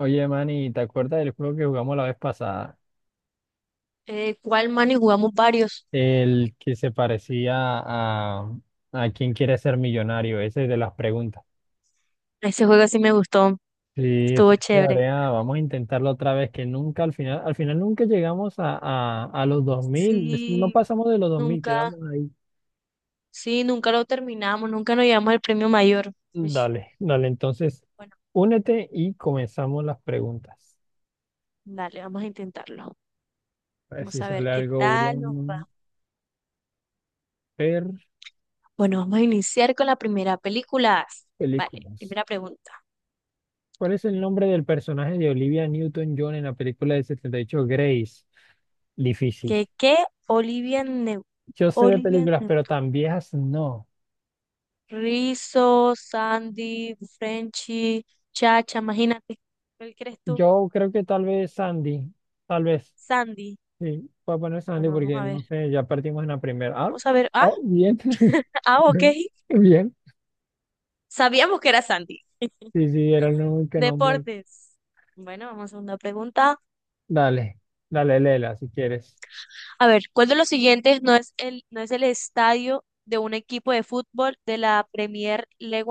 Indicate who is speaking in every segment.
Speaker 1: Oye, Manny, ¿te acuerdas del juego que jugamos la vez pasada?
Speaker 2: ¿Cuál man? Y jugamos varios.
Speaker 1: El que se parecía a quién quiere ser millonario, ese de las preguntas.
Speaker 2: Ese juego sí me gustó,
Speaker 1: Sí, está
Speaker 2: estuvo chévere.
Speaker 1: chévere, vamos a intentarlo otra vez, que nunca al final, al final nunca llegamos a los 2000, es- no
Speaker 2: Sí,
Speaker 1: pasamos de los dos mil,
Speaker 2: nunca,
Speaker 1: quedamos ahí.
Speaker 2: sí, nunca lo terminamos, nunca nos llevamos el premio mayor. Uish,
Speaker 1: Dale, entonces,
Speaker 2: bueno,
Speaker 1: únete y comenzamos las preguntas.
Speaker 2: dale, vamos a intentarlo.
Speaker 1: A ver
Speaker 2: Vamos
Speaker 1: si
Speaker 2: a
Speaker 1: sale
Speaker 2: ver qué
Speaker 1: algo
Speaker 2: tal nos
Speaker 1: bueno.
Speaker 2: va.
Speaker 1: Ver
Speaker 2: Bueno, vamos a iniciar con la primera película. Vale,
Speaker 1: películas.
Speaker 2: primera pregunta.
Speaker 1: ¿Cuál es el nombre del personaje de Olivia Newton-John en la película del 78 Grace? Difícil.
Speaker 2: ¿Qué, qué? Olivia Neu-
Speaker 1: Yo sé de
Speaker 2: Olivia
Speaker 1: películas, pero
Speaker 2: Newton.
Speaker 1: tan viejas no.
Speaker 2: Rizzo, Sandy, Frenchy, Chacha, imagínate. ¿Cuál crees tú?
Speaker 1: Yo creo que tal vez Sandy, tal vez.
Speaker 2: Sandy.
Speaker 1: Sí, voy a poner Sandy
Speaker 2: Bueno, vamos
Speaker 1: porque
Speaker 2: a ver.
Speaker 1: no sé, ya partimos en la primera.
Speaker 2: Vamos a ver. Ah,
Speaker 1: Oh, bien.
Speaker 2: ah, ok.
Speaker 1: Bien.
Speaker 2: Sabíamos que era Sandy.
Speaker 1: Sí, sí, era el único nombre.
Speaker 2: Deportes. Bueno, vamos a una pregunta.
Speaker 1: Dale, dale, Lela, si quieres.
Speaker 2: A ver, ¿cuál de los siguientes no es el estadio de un equipo de fútbol de la Premier League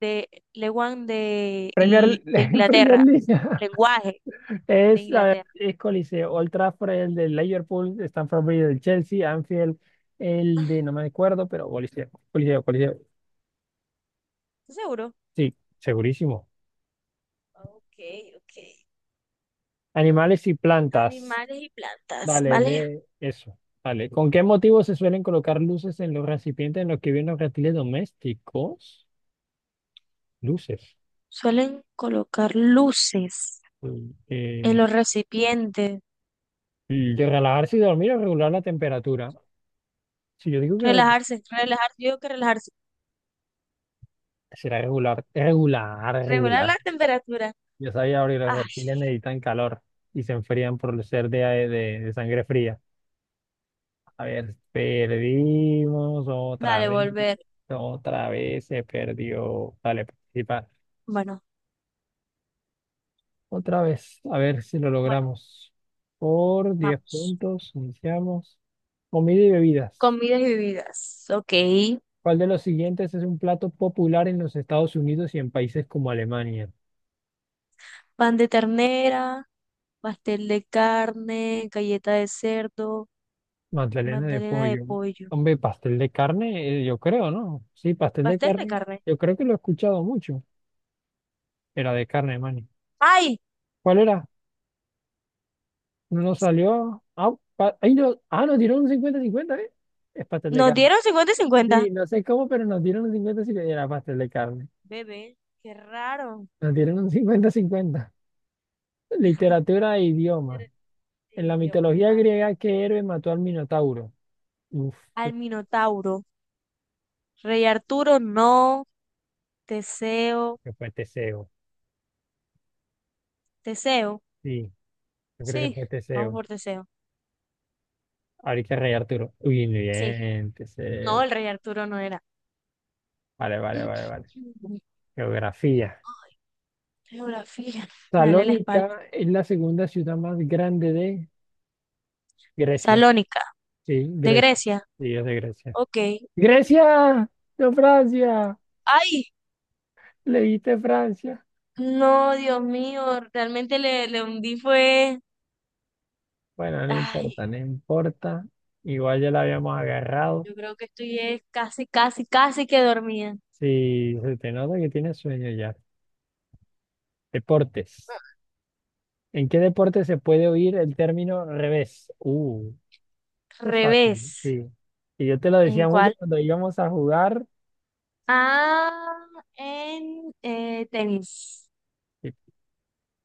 Speaker 2: de, League
Speaker 1: Premier,
Speaker 2: de
Speaker 1: Premier
Speaker 2: Inglaterra?
Speaker 1: League.
Speaker 2: Lenguaje de
Speaker 1: Es, a ver,
Speaker 2: Inglaterra.
Speaker 1: es Coliseo, Old Trafford, el de Liverpool, Stamford Bridge del Chelsea, Anfield, el de, no me acuerdo, pero Coliseo, Coliseo, Coliseo.
Speaker 2: ¿Estás seguro?
Speaker 1: Sí, segurísimo.
Speaker 2: Ok, ok.
Speaker 1: Animales y plantas.
Speaker 2: Animales y plantas,
Speaker 1: Dale,
Speaker 2: ¿vale?
Speaker 1: lee eso. Dale. ¿Con qué motivo se suelen colocar luces en los recipientes en los que viven los reptiles domésticos? Luces.
Speaker 2: Suelen colocar luces
Speaker 1: Mm,
Speaker 2: en
Speaker 1: Eh,
Speaker 2: los recipientes.
Speaker 1: de relajarse y dormir o regular la temperatura. Si yo digo que re-
Speaker 2: Relajarse, relajarse. Yo digo que relajarse.
Speaker 1: será regular, regular,
Speaker 2: Regular
Speaker 1: regular.
Speaker 2: la temperatura.
Speaker 1: Yo sabía abrir los
Speaker 2: Ay,
Speaker 1: reptiles necesitan calor y se enfrían por ser de sangre fría. A ver, perdimos
Speaker 2: dale, volver.
Speaker 1: otra vez se perdió. Dale, participar.
Speaker 2: Bueno,
Speaker 1: Otra vez, a ver si lo
Speaker 2: bueno,
Speaker 1: logramos. Por 10
Speaker 2: vamos.
Speaker 1: puntos, iniciamos. Comida y bebidas.
Speaker 2: Comidas y bebidas. Ok.
Speaker 1: ¿Cuál de los siguientes es un plato popular en los Estados Unidos y en países como Alemania?
Speaker 2: Pan de ternera, pastel de carne, galleta de cerdo,
Speaker 1: Magdalena de
Speaker 2: magdalena de
Speaker 1: pollo.
Speaker 2: pollo.
Speaker 1: Hombre, pastel de carne, yo creo, ¿no? Sí, pastel de
Speaker 2: Pastel de
Speaker 1: carne.
Speaker 2: carne.
Speaker 1: Yo creo que lo he escuchado mucho. Era de carne, mani.
Speaker 2: ¡Ay!
Speaker 1: ¿Cuál era? No nos salió. Ah, pa- ahí no, ah, nos dieron un cincuenta-cincuenta, ¿eh? Es pastel de
Speaker 2: Nos
Speaker 1: carne.
Speaker 2: dieron 50 y 50.
Speaker 1: Sí, no sé cómo, pero nos dieron un cincuenta-cincuenta. Era pastel de carne.
Speaker 2: Bebé, qué raro.
Speaker 1: Nos dieron un cincuenta-cincuenta. Literatura e idioma.
Speaker 2: De
Speaker 1: En la
Speaker 2: idiomas,
Speaker 1: mitología
Speaker 2: vale.
Speaker 1: griega, ¿qué héroe mató al Minotauro? Uf, yo
Speaker 2: Al
Speaker 1: creo
Speaker 2: Minotauro. Rey Arturo, no. Teseo.
Speaker 1: que fue Teseo.
Speaker 2: Teseo.
Speaker 1: Sí, yo creo que
Speaker 2: Sí,
Speaker 1: fue
Speaker 2: vamos
Speaker 1: Teseo.
Speaker 2: por Teseo.
Speaker 1: Ahorita Rey Arturo. Uy,
Speaker 2: Sí.
Speaker 1: bien,
Speaker 2: No,
Speaker 1: Teseo.
Speaker 2: el Rey Arturo no era.
Speaker 1: Vale, vale, vale,
Speaker 2: Ay,
Speaker 1: vale. Geografía.
Speaker 2: geografía. Me duele la espalda.
Speaker 1: Salónica es la segunda ciudad más grande de Grecia.
Speaker 2: Salónica,
Speaker 1: Sí,
Speaker 2: de
Speaker 1: Grecia.
Speaker 2: Grecia.
Speaker 1: Sí, es de Grecia.
Speaker 2: Ok.
Speaker 1: Grecia, no Francia.
Speaker 2: Ay,
Speaker 1: Leíste Francia.
Speaker 2: no, Dios mío, realmente le hundí fue.
Speaker 1: Bueno, no
Speaker 2: Ay,
Speaker 1: importa, no importa. Igual ya la habíamos agarrado.
Speaker 2: yo creo que estoy es casi, casi, casi que dormía.
Speaker 1: Sí, se te nota que tienes sueño ya. Deportes. ¿En qué deporte se puede oír el término revés? Esto es fácil,
Speaker 2: Revés.
Speaker 1: sí. Y yo te lo
Speaker 2: ¿En
Speaker 1: decía mucho
Speaker 2: cuál?
Speaker 1: cuando íbamos a jugar.
Speaker 2: Ah, en tenis.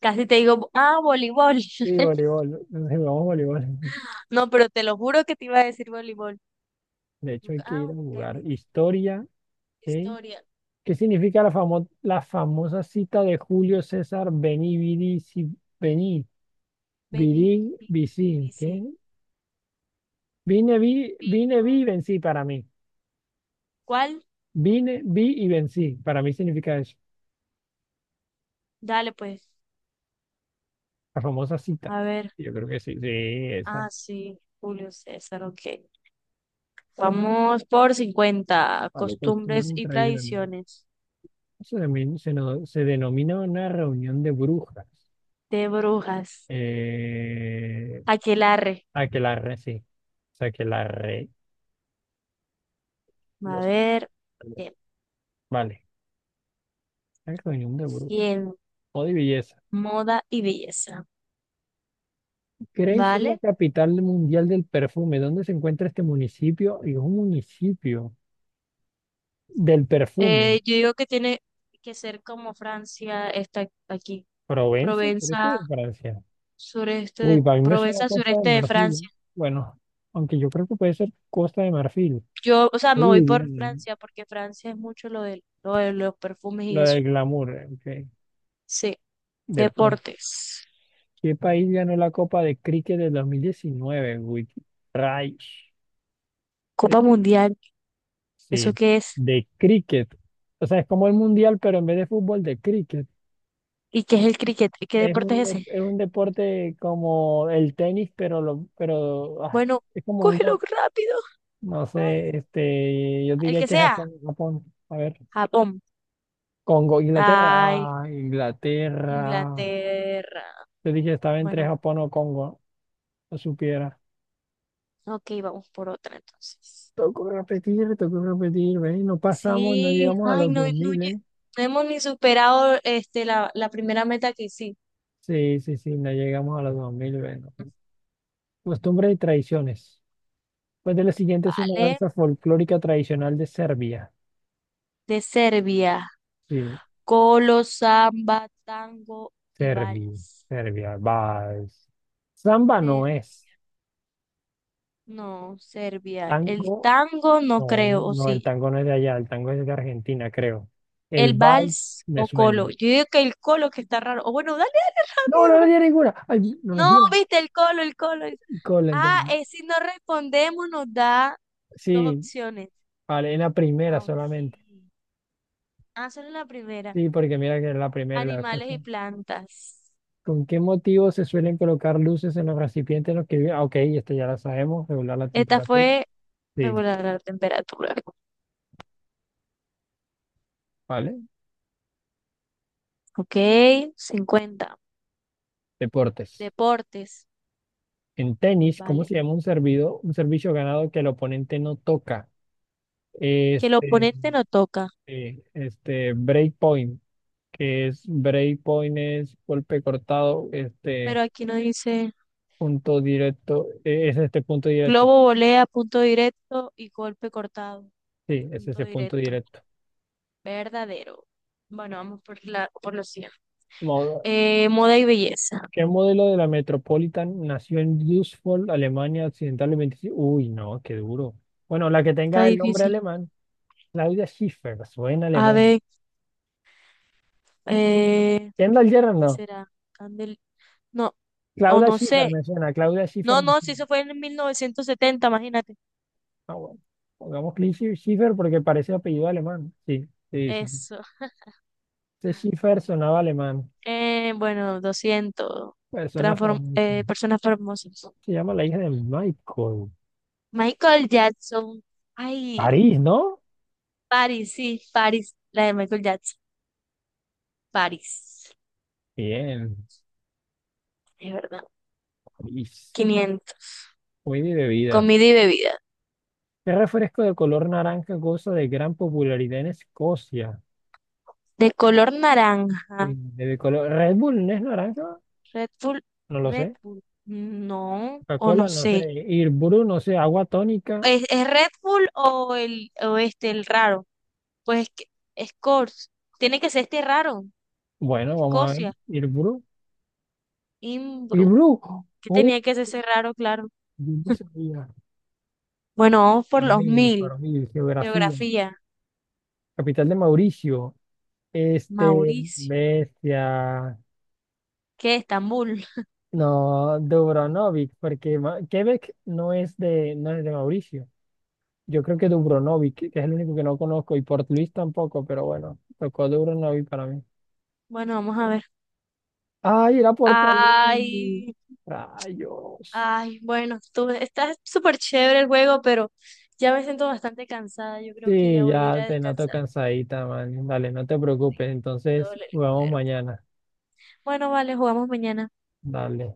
Speaker 2: Casi te digo, ah, voleibol.
Speaker 1: Sí, voleibol. Entonces jugamos voleibol.
Speaker 2: No, pero te lo juro que te iba a decir voleibol.
Speaker 1: De
Speaker 2: Yo
Speaker 1: hecho,
Speaker 2: como
Speaker 1: hay
Speaker 2: que,
Speaker 1: que
Speaker 2: ah,
Speaker 1: ir a jugar.
Speaker 2: tenis.
Speaker 1: Historia, ¿sí?
Speaker 2: Historia.
Speaker 1: ¿Qué significa la famosa cita de Julio César Veni, vidi, si, vení,
Speaker 2: Vení,
Speaker 1: vidi,
Speaker 2: vini,
Speaker 1: vici?
Speaker 2: vici.
Speaker 1: ¿Qué? Vine, vi y vencí para mí.
Speaker 2: ¿Cuál?
Speaker 1: Vine, vi y vencí. Para mí significa eso.
Speaker 2: Dale, pues.
Speaker 1: La famosa cita.
Speaker 2: A ver.
Speaker 1: Yo creo que sí, sí, esa.
Speaker 2: Ah, sí, Julio César, ok. Vamos por 50.
Speaker 1: Vale, costumbre
Speaker 2: Costumbres
Speaker 1: y
Speaker 2: y
Speaker 1: tradición.
Speaker 2: tradiciones
Speaker 1: Se, denomin- se, no- se denomina una reunión de brujas.
Speaker 2: de brujas.
Speaker 1: Eh,
Speaker 2: Aquelarre.
Speaker 1: Aquelarre, sí. O sea Aquelarre.
Speaker 2: A
Speaker 1: Los
Speaker 2: ver. Tiempo,
Speaker 1: Vale. La reunión de grupo
Speaker 2: cielo.
Speaker 1: o de belleza.
Speaker 2: Moda y belleza.
Speaker 1: Grace es la
Speaker 2: ¿Vale?
Speaker 1: capital mundial del perfume. ¿Dónde se encuentra este municipio? Y es un municipio del perfume.
Speaker 2: Yo digo que tiene que ser como Francia está aquí.
Speaker 1: ¿Provenza? ¿Pero esto
Speaker 2: Provenza,
Speaker 1: es de Francia? Uy, para mí me suena
Speaker 2: Provenza,
Speaker 1: Costa de
Speaker 2: sureste de
Speaker 1: Marfil,
Speaker 2: Francia.
Speaker 1: ¿eh? Bueno, aunque yo creo que puede ser Costa de Marfil.
Speaker 2: Yo, o sea, me voy
Speaker 1: Uy,
Speaker 2: por
Speaker 1: bien, ¿no?
Speaker 2: Francia porque Francia es mucho lo de los perfumes y
Speaker 1: Lo
Speaker 2: eso.
Speaker 1: del glamour, ok.
Speaker 2: Sí,
Speaker 1: Deporte.
Speaker 2: deportes.
Speaker 1: ¿Qué país ganó la Copa de Cricket del 2019 Wiki? Rayos.
Speaker 2: Copa Mundial,
Speaker 1: Sí,
Speaker 2: ¿eso qué es?
Speaker 1: de cricket. O sea, es como el mundial, pero en vez de fútbol, de cricket.
Speaker 2: ¿Y qué es el cricket? ¿Qué
Speaker 1: Es
Speaker 2: deporte
Speaker 1: un,
Speaker 2: es
Speaker 1: de-
Speaker 2: ese?
Speaker 1: es un deporte como el tenis, pero, lo, pero
Speaker 2: Bueno,
Speaker 1: es como un
Speaker 2: cógelo
Speaker 1: golf.
Speaker 2: rápido.
Speaker 1: No
Speaker 2: Juan.
Speaker 1: sé, este, yo
Speaker 2: El
Speaker 1: diría
Speaker 2: que
Speaker 1: que es
Speaker 2: sea.
Speaker 1: Japón, Japón. A ver,
Speaker 2: Japón.
Speaker 1: Congo, Inglaterra.
Speaker 2: Ay,
Speaker 1: Ah, Inglaterra.
Speaker 2: Inglaterra.
Speaker 1: Yo dije estaba entre
Speaker 2: Bueno,
Speaker 1: Japón o Congo, no supiera.
Speaker 2: ok, vamos por otra entonces.
Speaker 1: Tocó repetir, ven, no pasamos, no
Speaker 2: Sí,
Speaker 1: llegamos a
Speaker 2: ay,
Speaker 1: los
Speaker 2: no, no,
Speaker 1: 2000, ¿eh?
Speaker 2: no hemos ni superado este, la primera meta que sí.
Speaker 1: Sí, sí, sí, no llegamos a los 2000, ven. Costumbres y tradiciones. Pues de la siguiente es una
Speaker 2: ¿Vale?
Speaker 1: danza folclórica tradicional de Serbia.
Speaker 2: De Serbia.
Speaker 1: Sí,
Speaker 2: Colo, samba, tango y
Speaker 1: Serbia,
Speaker 2: vals.
Speaker 1: Serbia, vals. Samba no es.
Speaker 2: No, Serbia. El
Speaker 1: Tango,
Speaker 2: tango no
Speaker 1: no,
Speaker 2: creo, o
Speaker 1: no, el
Speaker 2: sí.
Speaker 1: tango no es de allá, el tango es de Argentina, creo. El
Speaker 2: El
Speaker 1: vals
Speaker 2: vals
Speaker 1: me
Speaker 2: o
Speaker 1: suena.
Speaker 2: colo. Yo digo que el colo que está raro. O bueno, dale, dale
Speaker 1: No, no le
Speaker 2: rápido.
Speaker 1: di ninguna. Ay, no nos
Speaker 2: No,
Speaker 1: dieron.
Speaker 2: viste, el colo, el colo.
Speaker 1: Con la
Speaker 2: Ah,
Speaker 1: entendí.
Speaker 2: es si no respondemos nos da dos
Speaker 1: Sí,
Speaker 2: opciones.
Speaker 1: vale, en la primera
Speaker 2: Ah, ok.
Speaker 1: solamente.
Speaker 2: Ah, solo la primera.
Speaker 1: Sí, porque mira que es la primera y la después,
Speaker 2: Animales
Speaker 1: sí.
Speaker 2: y plantas.
Speaker 1: ¿Con qué motivo se suelen colocar luces en los recipientes en los que viven? Ah, ok, esto ya lo sabemos, regular la
Speaker 2: Esta
Speaker 1: temperatura.
Speaker 2: fue
Speaker 1: Sí,
Speaker 2: regular la temperatura.
Speaker 1: vale.
Speaker 2: Ok, 50.
Speaker 1: Deportes.
Speaker 2: Deportes,
Speaker 1: En tenis, ¿cómo
Speaker 2: ¿vale?
Speaker 1: se llama un servido, un servicio ganado que el oponente no toca?
Speaker 2: Que el
Speaker 1: Este,
Speaker 2: oponente no toca,
Speaker 1: este, break point, que es break point es golpe cortado, este
Speaker 2: pero aquí no dice.
Speaker 1: punto directo, es este punto directo.
Speaker 2: Globo, volea, punto directo y golpe cortado,
Speaker 1: Sí, es
Speaker 2: punto
Speaker 1: ese punto
Speaker 2: directo.
Speaker 1: directo.
Speaker 2: Verdadero. Bueno, vamos por por los 100.
Speaker 1: Modo-
Speaker 2: Moda y belleza.
Speaker 1: ¿qué modelo de la Metropolitan nació en Düsseldorf, Alemania Occidental el 25? Uy, no, qué duro. Bueno, la que
Speaker 2: Está
Speaker 1: tenga el nombre
Speaker 2: difícil.
Speaker 1: alemán, Claudia Schiffer, suena
Speaker 2: A
Speaker 1: alemán.
Speaker 2: ver, eh,
Speaker 1: Kendall Jenner,
Speaker 2: ¿qué
Speaker 1: no.
Speaker 2: será? Candel. No, o
Speaker 1: Claudia
Speaker 2: no
Speaker 1: Schiffer
Speaker 2: sé.
Speaker 1: me suena, Claudia Schiffer
Speaker 2: No,
Speaker 1: me
Speaker 2: no, si
Speaker 1: suena.
Speaker 2: eso fue en 1970, imagínate.
Speaker 1: Ah, bueno. Pongamos Cli- Schiffer porque parece apellido alemán. Sí, sí, sí.
Speaker 2: Eso.
Speaker 1: Ese Schiffer sonaba alemán.
Speaker 2: Bueno, 200.
Speaker 1: Persona
Speaker 2: Transform
Speaker 1: famosa.
Speaker 2: Personas famosas.
Speaker 1: Se llama la hija de Michael.
Speaker 2: Michael Jackson. Ay,
Speaker 1: París, ¿no?
Speaker 2: Paris, sí, Paris. La de Michael Jackson. Paris.
Speaker 1: Bien,
Speaker 2: Es verdad.
Speaker 1: París.
Speaker 2: 500.
Speaker 1: Muy de bebida.
Speaker 2: Comida y bebida.
Speaker 1: ¿Qué refresco de color naranja goza de gran popularidad en Escocia?
Speaker 2: De color naranja.
Speaker 1: De color... ¿Red Bull no es naranja?
Speaker 2: Red Bull.
Speaker 1: No lo
Speaker 2: Red
Speaker 1: sé.
Speaker 2: Bull. No, o
Speaker 1: Coca-Cola,
Speaker 2: no
Speaker 1: no
Speaker 2: sé.
Speaker 1: sé. Irbru, no sé. Agua tónica.
Speaker 2: Es Red Bull o el o este, el raro? Pues es que Scores. Tiene que ser este raro.
Speaker 1: Bueno, vamos a ver.
Speaker 2: Escocia.
Speaker 1: Irbru.
Speaker 2: Imbro.
Speaker 1: Irbru.
Speaker 2: Que tenía que ser ese raro, claro.
Speaker 1: Yo no sabía,
Speaker 2: Bueno, vamos por los 1000.
Speaker 1: por mí, geografía.
Speaker 2: Geografía.
Speaker 1: Capital de Mauricio, este,
Speaker 2: Mauricio.
Speaker 1: bestia,
Speaker 2: ¿Qué? Estambul.
Speaker 1: no, Dubrovnik, porque Ma- Quebec no es de, no es de Mauricio. Yo creo que Dubrovnik, que es el único que no conozco, y Port Louis tampoco, pero bueno, tocó Dubrovnik para mí.
Speaker 2: Bueno, vamos a ver.
Speaker 1: Ay, era Port Louis.
Speaker 2: Ay,
Speaker 1: Rayos.
Speaker 2: ay, bueno, tú, está súper chévere el juego, pero ya me siento bastante cansada. Yo creo que
Speaker 1: Sí,
Speaker 2: ya voy a ir
Speaker 1: ya
Speaker 2: a
Speaker 1: te noto
Speaker 2: descansar.
Speaker 1: cansadita, man. Dale, no te preocupes.
Speaker 2: Me
Speaker 1: Entonces,
Speaker 2: duele el
Speaker 1: jugamos
Speaker 2: cuerpo.
Speaker 1: mañana.
Speaker 2: Bueno, vale, jugamos mañana.
Speaker 1: Dale.